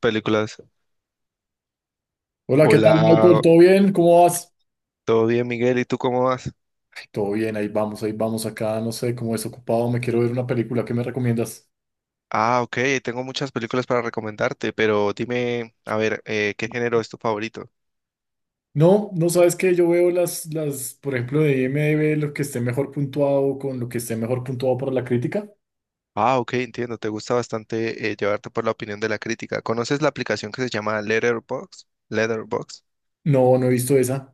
Películas. Hola, ¿qué tal, Michael? Hola, ¿Todo bien? ¿Cómo vas? ¿todo bien, Miguel? ¿Y tú cómo vas? Todo bien, ahí vamos acá, no sé, como desocupado, me quiero ver una película, ¿qué me recomiendas? Ah, ok, tengo muchas películas para recomendarte, pero dime, a ver, ¿qué género es tu favorito? No, no sabes que yo veo las, por ejemplo, de IMDb, lo que esté mejor puntuado con lo que esté mejor puntuado para la crítica. Ah, ok, entiendo, te gusta bastante llevarte por la opinión de la crítica. ¿Conoces la aplicación que se llama Letterboxd? Letterboxd. No, no he visto esa.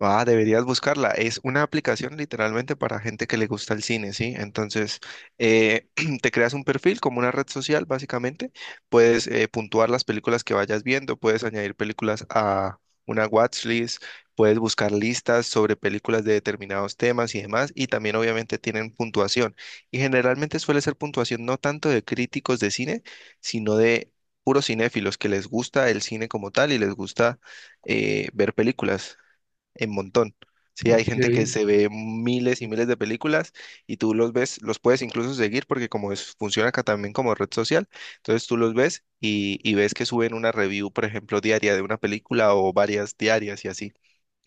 Ah, deberías buscarla. Es una aplicación literalmente para gente que le gusta el cine, ¿sí? Entonces, eh, te creas un perfil como una red social, básicamente. Puedes puntuar las películas que vayas viendo, puedes añadir películas a una watchlist, puedes buscar listas sobre películas de determinados temas y demás, y también obviamente tienen puntuación. Y generalmente suele ser puntuación no tanto de críticos de cine, sino de puros cinéfilos que les gusta el cine como tal y les gusta ver películas en montón. Sí, hay Ok. gente que se ve miles y miles de películas, y tú los ves, los puedes incluso seguir porque como es, funciona acá también como red social, entonces tú los ves y ves que suben una review, por ejemplo, diaria de una película o varias diarias y así.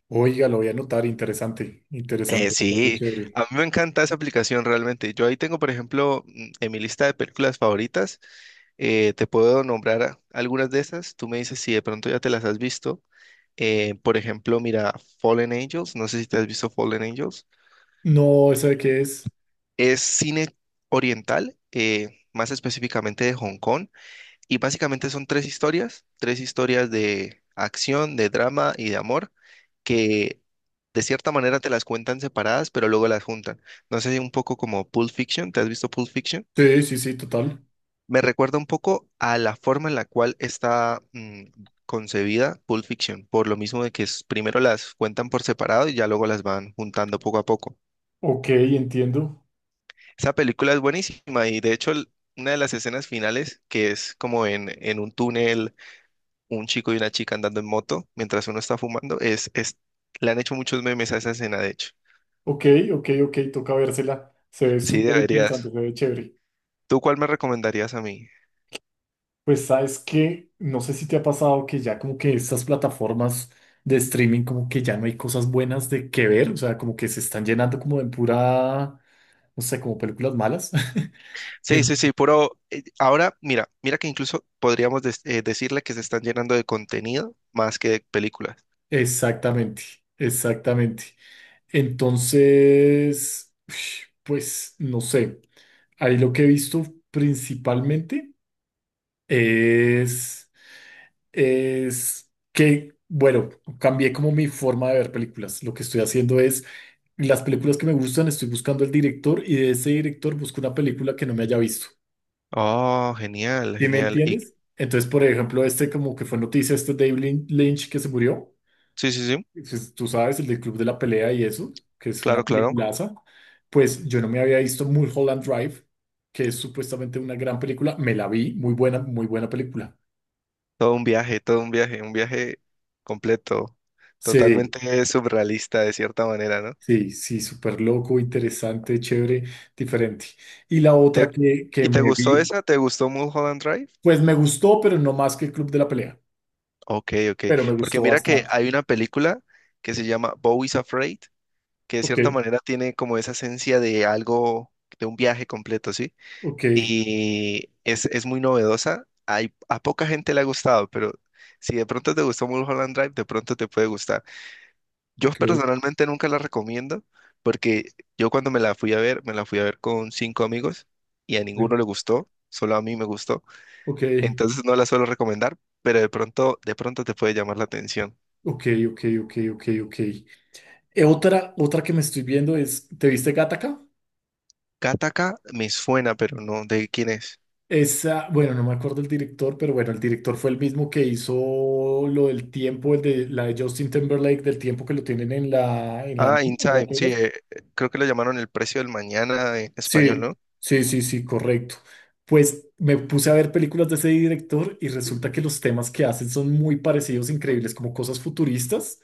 Oiga, lo voy a anotar, interesante, interesante, algo Sí, chévere. a mí me encanta esa aplicación realmente. Yo ahí tengo, por ejemplo, en mi lista de películas favoritas, te puedo nombrar algunas de esas. Tú me dices si de pronto ya te las has visto. Por ejemplo, mira, Fallen Angels, no sé si te has visto Fallen Angels. No, ¿esa de qué es? Es cine oriental, más específicamente de Hong Kong, y básicamente son tres historias de acción, de drama y de amor, que de cierta manera te las cuentan separadas, pero luego las juntan. No sé, si un poco como Pulp Fiction, ¿te has visto Pulp Fiction? Sí, sí, sí, total. Me recuerda un poco a la forma en la cual está concebida Pulp Fiction, por lo mismo de que primero las cuentan por separado y ya luego las van juntando poco a poco. Ok, entiendo. Esa película es buenísima y de hecho una de las escenas finales, que es como en un túnel, un chico y una chica andando en moto mientras uno está fumando, es, le han hecho muchos memes a esa escena, de hecho. Ok, ok, ok, toca vérsela. Se ve Sí, súper interesante, deberías. se ve chévere. ¿Tú cuál me recomendarías a mí? Pues sabes que no sé si te ha pasado que ya como que estas plataformas de streaming como que ya no hay cosas buenas de que ver, o sea, como que se están llenando como de pura, no sé, como películas malas. Sí, sí, En- sí, pero ahora mira, mira que incluso podríamos decirle que se están llenando de contenido más que de películas. Exactamente, exactamente. Entonces, pues no sé, ahí lo que he visto principalmente es es que, bueno, cambié como mi forma de ver películas. Lo que estoy haciendo es, las películas que me gustan, estoy buscando el director y de ese director busco una película que no me haya visto. Oh, genial, ¿Sí me genial. Y entiendes? Entonces, por ejemplo, este como que fue noticia, este David Lynch que se murió, sí, sí, sí, pues, tú sabes, el del Club de la Pelea y eso, que es una claro, claro. peliculaza, pues yo no me había visto Mulholland Drive, que es supuestamente una gran película, me la vi, muy buena película. Todo un viaje completo, Sí, totalmente surrealista de cierta manera, ¿no? sí, sí, súper loco, interesante, chévere, diferente. Y la ¿Te- otra que, ¿Y que te me gustó vi, esa? ¿Te gustó Mulholland Drive? pues me gustó, pero no más que el Club de la Pelea, Ok, ok, pero me porque gustó mira que bastante. hay una película que se llama Bo is Afraid, que de Ok, cierta manera tiene como esa esencia de algo, de un viaje completo, ¿sí? ok, Y es muy novedosa, hay, a poca gente le ha gustado, pero si de pronto te gustó Mulholland Drive, de pronto te puede gustar. Yo ok, personalmente nunca la recomiendo porque yo cuando me la fui a ver, me la fui a ver con cinco amigos y a eh, ninguno le gustó, solo a mí me gustó. ok, Entonces no la suelo recomendar, pero de pronto te puede llamar la atención. ok, ok, ok, ok, ok. Otra que me estoy viendo es, ¿te viste Gattaca? Gattaca me suena, pero no, ¿de quién es? Esa, bueno, no me acuerdo el director, pero bueno, el director fue el mismo que hizo lo del tiempo, el de la de Justin Timberlake, del tiempo que lo tienen en la, en la, en Ah, In la Time, tierra. sí, creo que lo llamaron El Precio del Mañana en español, Sí, ¿no? sí, sí, sí, correcto. Pues me puse a ver películas de ese director y resulta que los temas que hacen son muy parecidos, increíbles, como cosas futuristas,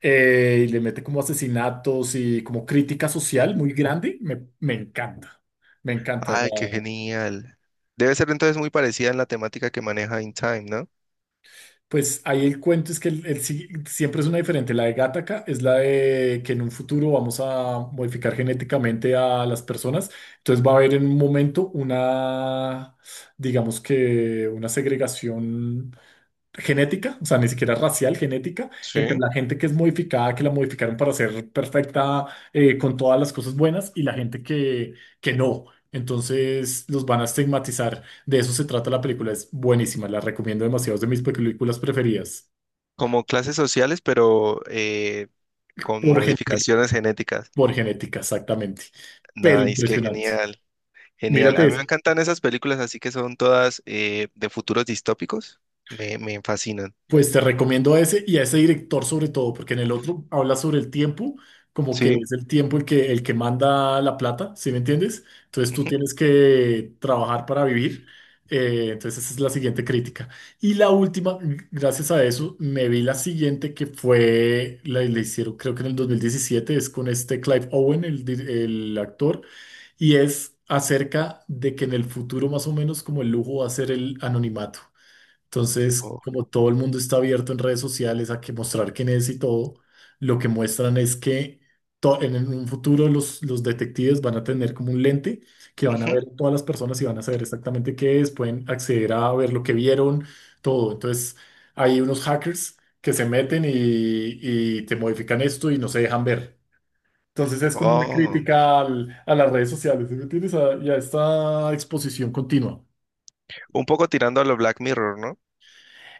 y le mete como asesinatos y como crítica social muy grande. Me encanta, me encanta. Ay, qué genial. Debe ser entonces muy parecida en la temática que maneja In Time, ¿no? Pues ahí el cuento es que siempre es una diferente. La de Gattaca es la de que en un futuro vamos a modificar genéticamente a las personas. Entonces va a haber en un momento una, digamos que una segregación genética, o sea, ni siquiera racial, genética, entre Sí. la gente que es modificada, que la modificaron para ser perfecta, con todas las cosas buenas, y la gente que no. Entonces los van a estigmatizar. De eso se trata la película. Es buenísima. La recomiendo demasiado. Es de mis películas preferidas. Como clases sociales, pero con Por genética, modificaciones genéticas. por genética, exactamente. Pero Nice, qué impresionante. genial, genial. Mírate A mí eso. me encantan esas películas así que son todas de futuros distópicos. Me fascinan. Pues te recomiendo a ese y a ese director sobre todo, porque en el otro habla sobre el tiempo, como que Sí. es el tiempo el que manda la plata, ¿sí me entiendes? Entonces tú Ujú. tienes que trabajar para vivir. Entonces esa es la siguiente crítica. Y la última, gracias a eso, me vi la siguiente que fue, la hicieron creo que en el 2017, es con este Clive Owen, el actor, y es acerca de que en el futuro más o menos como el lujo va a ser el anonimato. Entonces, Oh. como todo el mundo está abierto en redes sociales a que mostrar quién es y todo, lo que muestran es que en un futuro los detectives van a tener como un lente que van a Ujú. ver todas las personas y van a saber exactamente qué es, pueden acceder a ver lo que vieron, todo. Entonces, hay unos hackers que se meten y te modifican esto y no se dejan ver. Entonces es como una Oh. crítica a las redes sociales, ¿sí me entiendes? Y a esta exposición continua. Un poco tirando a lo Black Mirror, ¿no?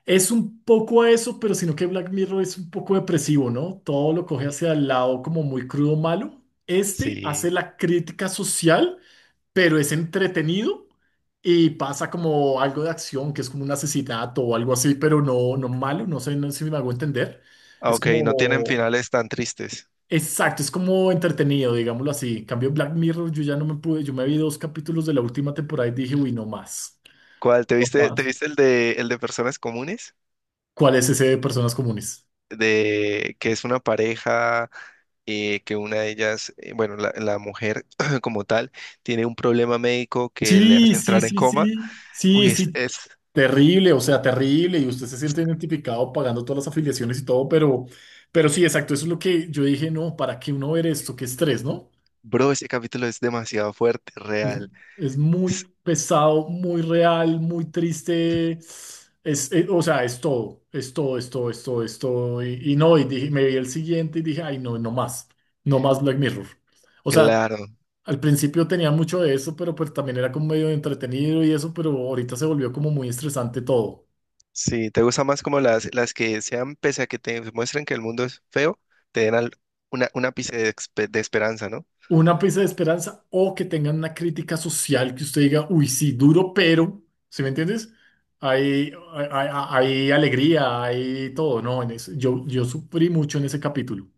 Es un poco a eso, pero sino que Black Mirror es un poco depresivo, ¿no? Todo lo coge hacia el lado como muy crudo, malo. Este hace Sí. la crítica social, pero es entretenido y pasa como algo de acción, que es como un asesinato o algo así, pero no, no malo, no sé si me hago entender. Ah, Es ok, no tienen como, finales tan tristes. exacto, es como entretenido, digámoslo así. En cambio, Black Mirror, yo ya no me pude, yo me vi dos capítulos de la última temporada y dije, uy, no más, ¿Cuál? No Te más. viste el de personas comunes? ¿Cuál es ese de personas comunes? De que es una pareja que una de ellas, bueno, la mujer como tal, tiene un problema médico que le Sí, hace sí, entrar en sí, coma. sí, Uy, sí, es, sí, es. terrible, o sea, terrible, y usted se siente identificado pagando todas las afiliaciones y todo, pero sí, exacto, eso es lo que yo dije, no, ¿para qué uno ver esto? Qué estrés, ¿no? Bro, ese capítulo es demasiado fuerte, Es, real. es muy S- pesado, muy real, muy triste, es, o sea, es todo, es todo, es todo, es todo, es todo, y no, y dije, me vi el siguiente y dije, ay, no, no más, no más Black Mirror. O sea, Claro. al principio tenía mucho de eso, pero pues también era como medio entretenido y eso, pero ahorita se volvió como muy estresante todo. Sí, ¿te gusta más como las que sean, pese a que te muestren que el mundo es feo, te den una, un ápice de, de esperanza, ¿no? Una pieza de esperanza o que tengan una crítica social que usted diga, uy, sí, duro, pero, ¿sí me entiendes? Hay, hay, hay- hay alegría, hay todo, ¿no? Yo sufrí mucho en ese capítulo.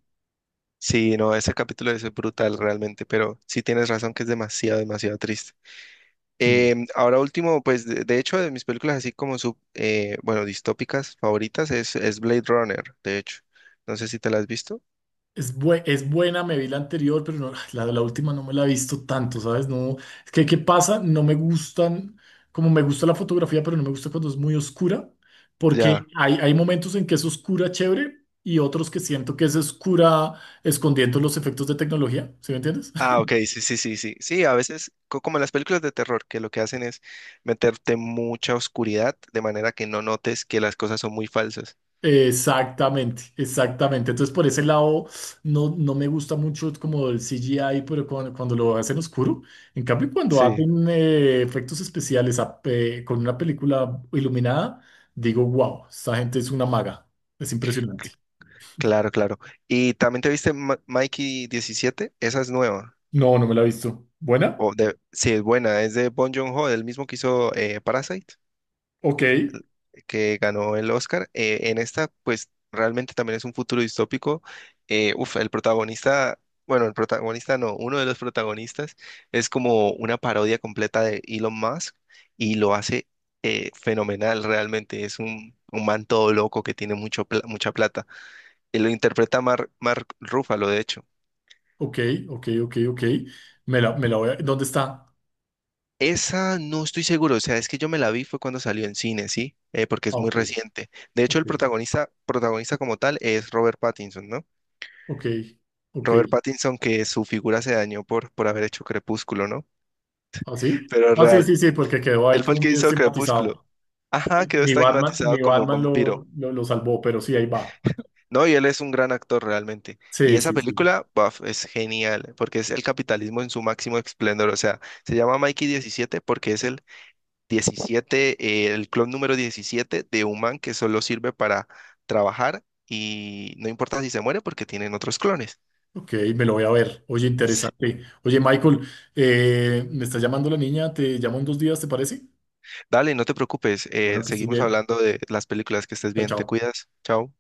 Sí, no, ese capítulo es brutal realmente, pero sí tienes razón que es demasiado, demasiado triste. Mm. Ahora último, pues de hecho de mis películas así como bueno, distópicas favoritas es Blade Runner, de hecho. No sé si te la has visto. Es buena, me vi la anterior, pero la última no me la he visto tanto, ¿sabes? No, es que, ¿qué pasa? No me gustan, como me gusta la fotografía, pero no me gusta cuando es muy oscura, Ya. porque hay momentos en que es oscura chévere y otros que siento que es oscura escondiendo los efectos de tecnología, ¿sí me entiendes? Ah, ok, sí, sí, sí, sí. Sí, a veces, como en las películas de terror, que lo que hacen es meterte mucha oscuridad de manera que no notes que las cosas son muy falsas. Exactamente, exactamente. Entonces, por ese lado, no, no me gusta mucho como el CGI, pero cuando lo hacen oscuro. En cambio, cuando Sí. hacen efectos especiales con una película iluminada, digo, wow, esta gente es una maga. Es impresionante. C- Claro, claro. ¿Y también te viste Mikey 17? Esa es nueva. No, no me la he visto. ¿Buena? O de, sí, es buena, es de Bong Joon-ho, el mismo que hizo Parasite, Ok, que ganó el Oscar. En esta, pues realmente también es un futuro distópico. Uf, el protagonista, bueno, el protagonista no, uno de los protagonistas es como una parodia completa de Elon Musk y lo hace fenomenal realmente. Es un man todo loco que tiene mucha plata. Y lo interpreta Mark Ruffalo, de hecho. ok, ok, ok, ok. Me la voy a... ¿Dónde está? Esa no estoy seguro, o sea, es que yo me la vi fue cuando salió en cine, ¿sí? Porque Ah, es muy ok, reciente. De hecho, ok, protagonista como tal es Robert Pattinson, ¿no? ok, ok. Robert Pattinson, que su figura se dañó por haber hecho Crepúsculo, ¿no? ¿Así? Pero Ah, sí, ah, sí, real, sí, sí, porque quedó ahí él fue como el que medio hizo Crepúsculo. estigmatizado. Ajá, quedó Ni Batman, estigmatizado ni como un Batman vampiro. lo salvó, pero sí, ahí va. No, y él es un gran actor realmente. Y Sí, esa sí, sí. película, buf, es genial, porque es el capitalismo en su máximo esplendor. O sea, se llama Mikey 17 porque es el 17, el clon número 17 de un man que solo sirve para trabajar y no importa si se muere porque tienen otros clones. Ok, me lo voy a ver. Oye, interesante. Oye, Michael, me está llamando la niña, te llamo en 2 días, ¿te parece? Dale, no te preocupes, Bueno, que estés seguimos bien. hablando de las películas, que estés Chao, bien, chao. te cuidas, chao.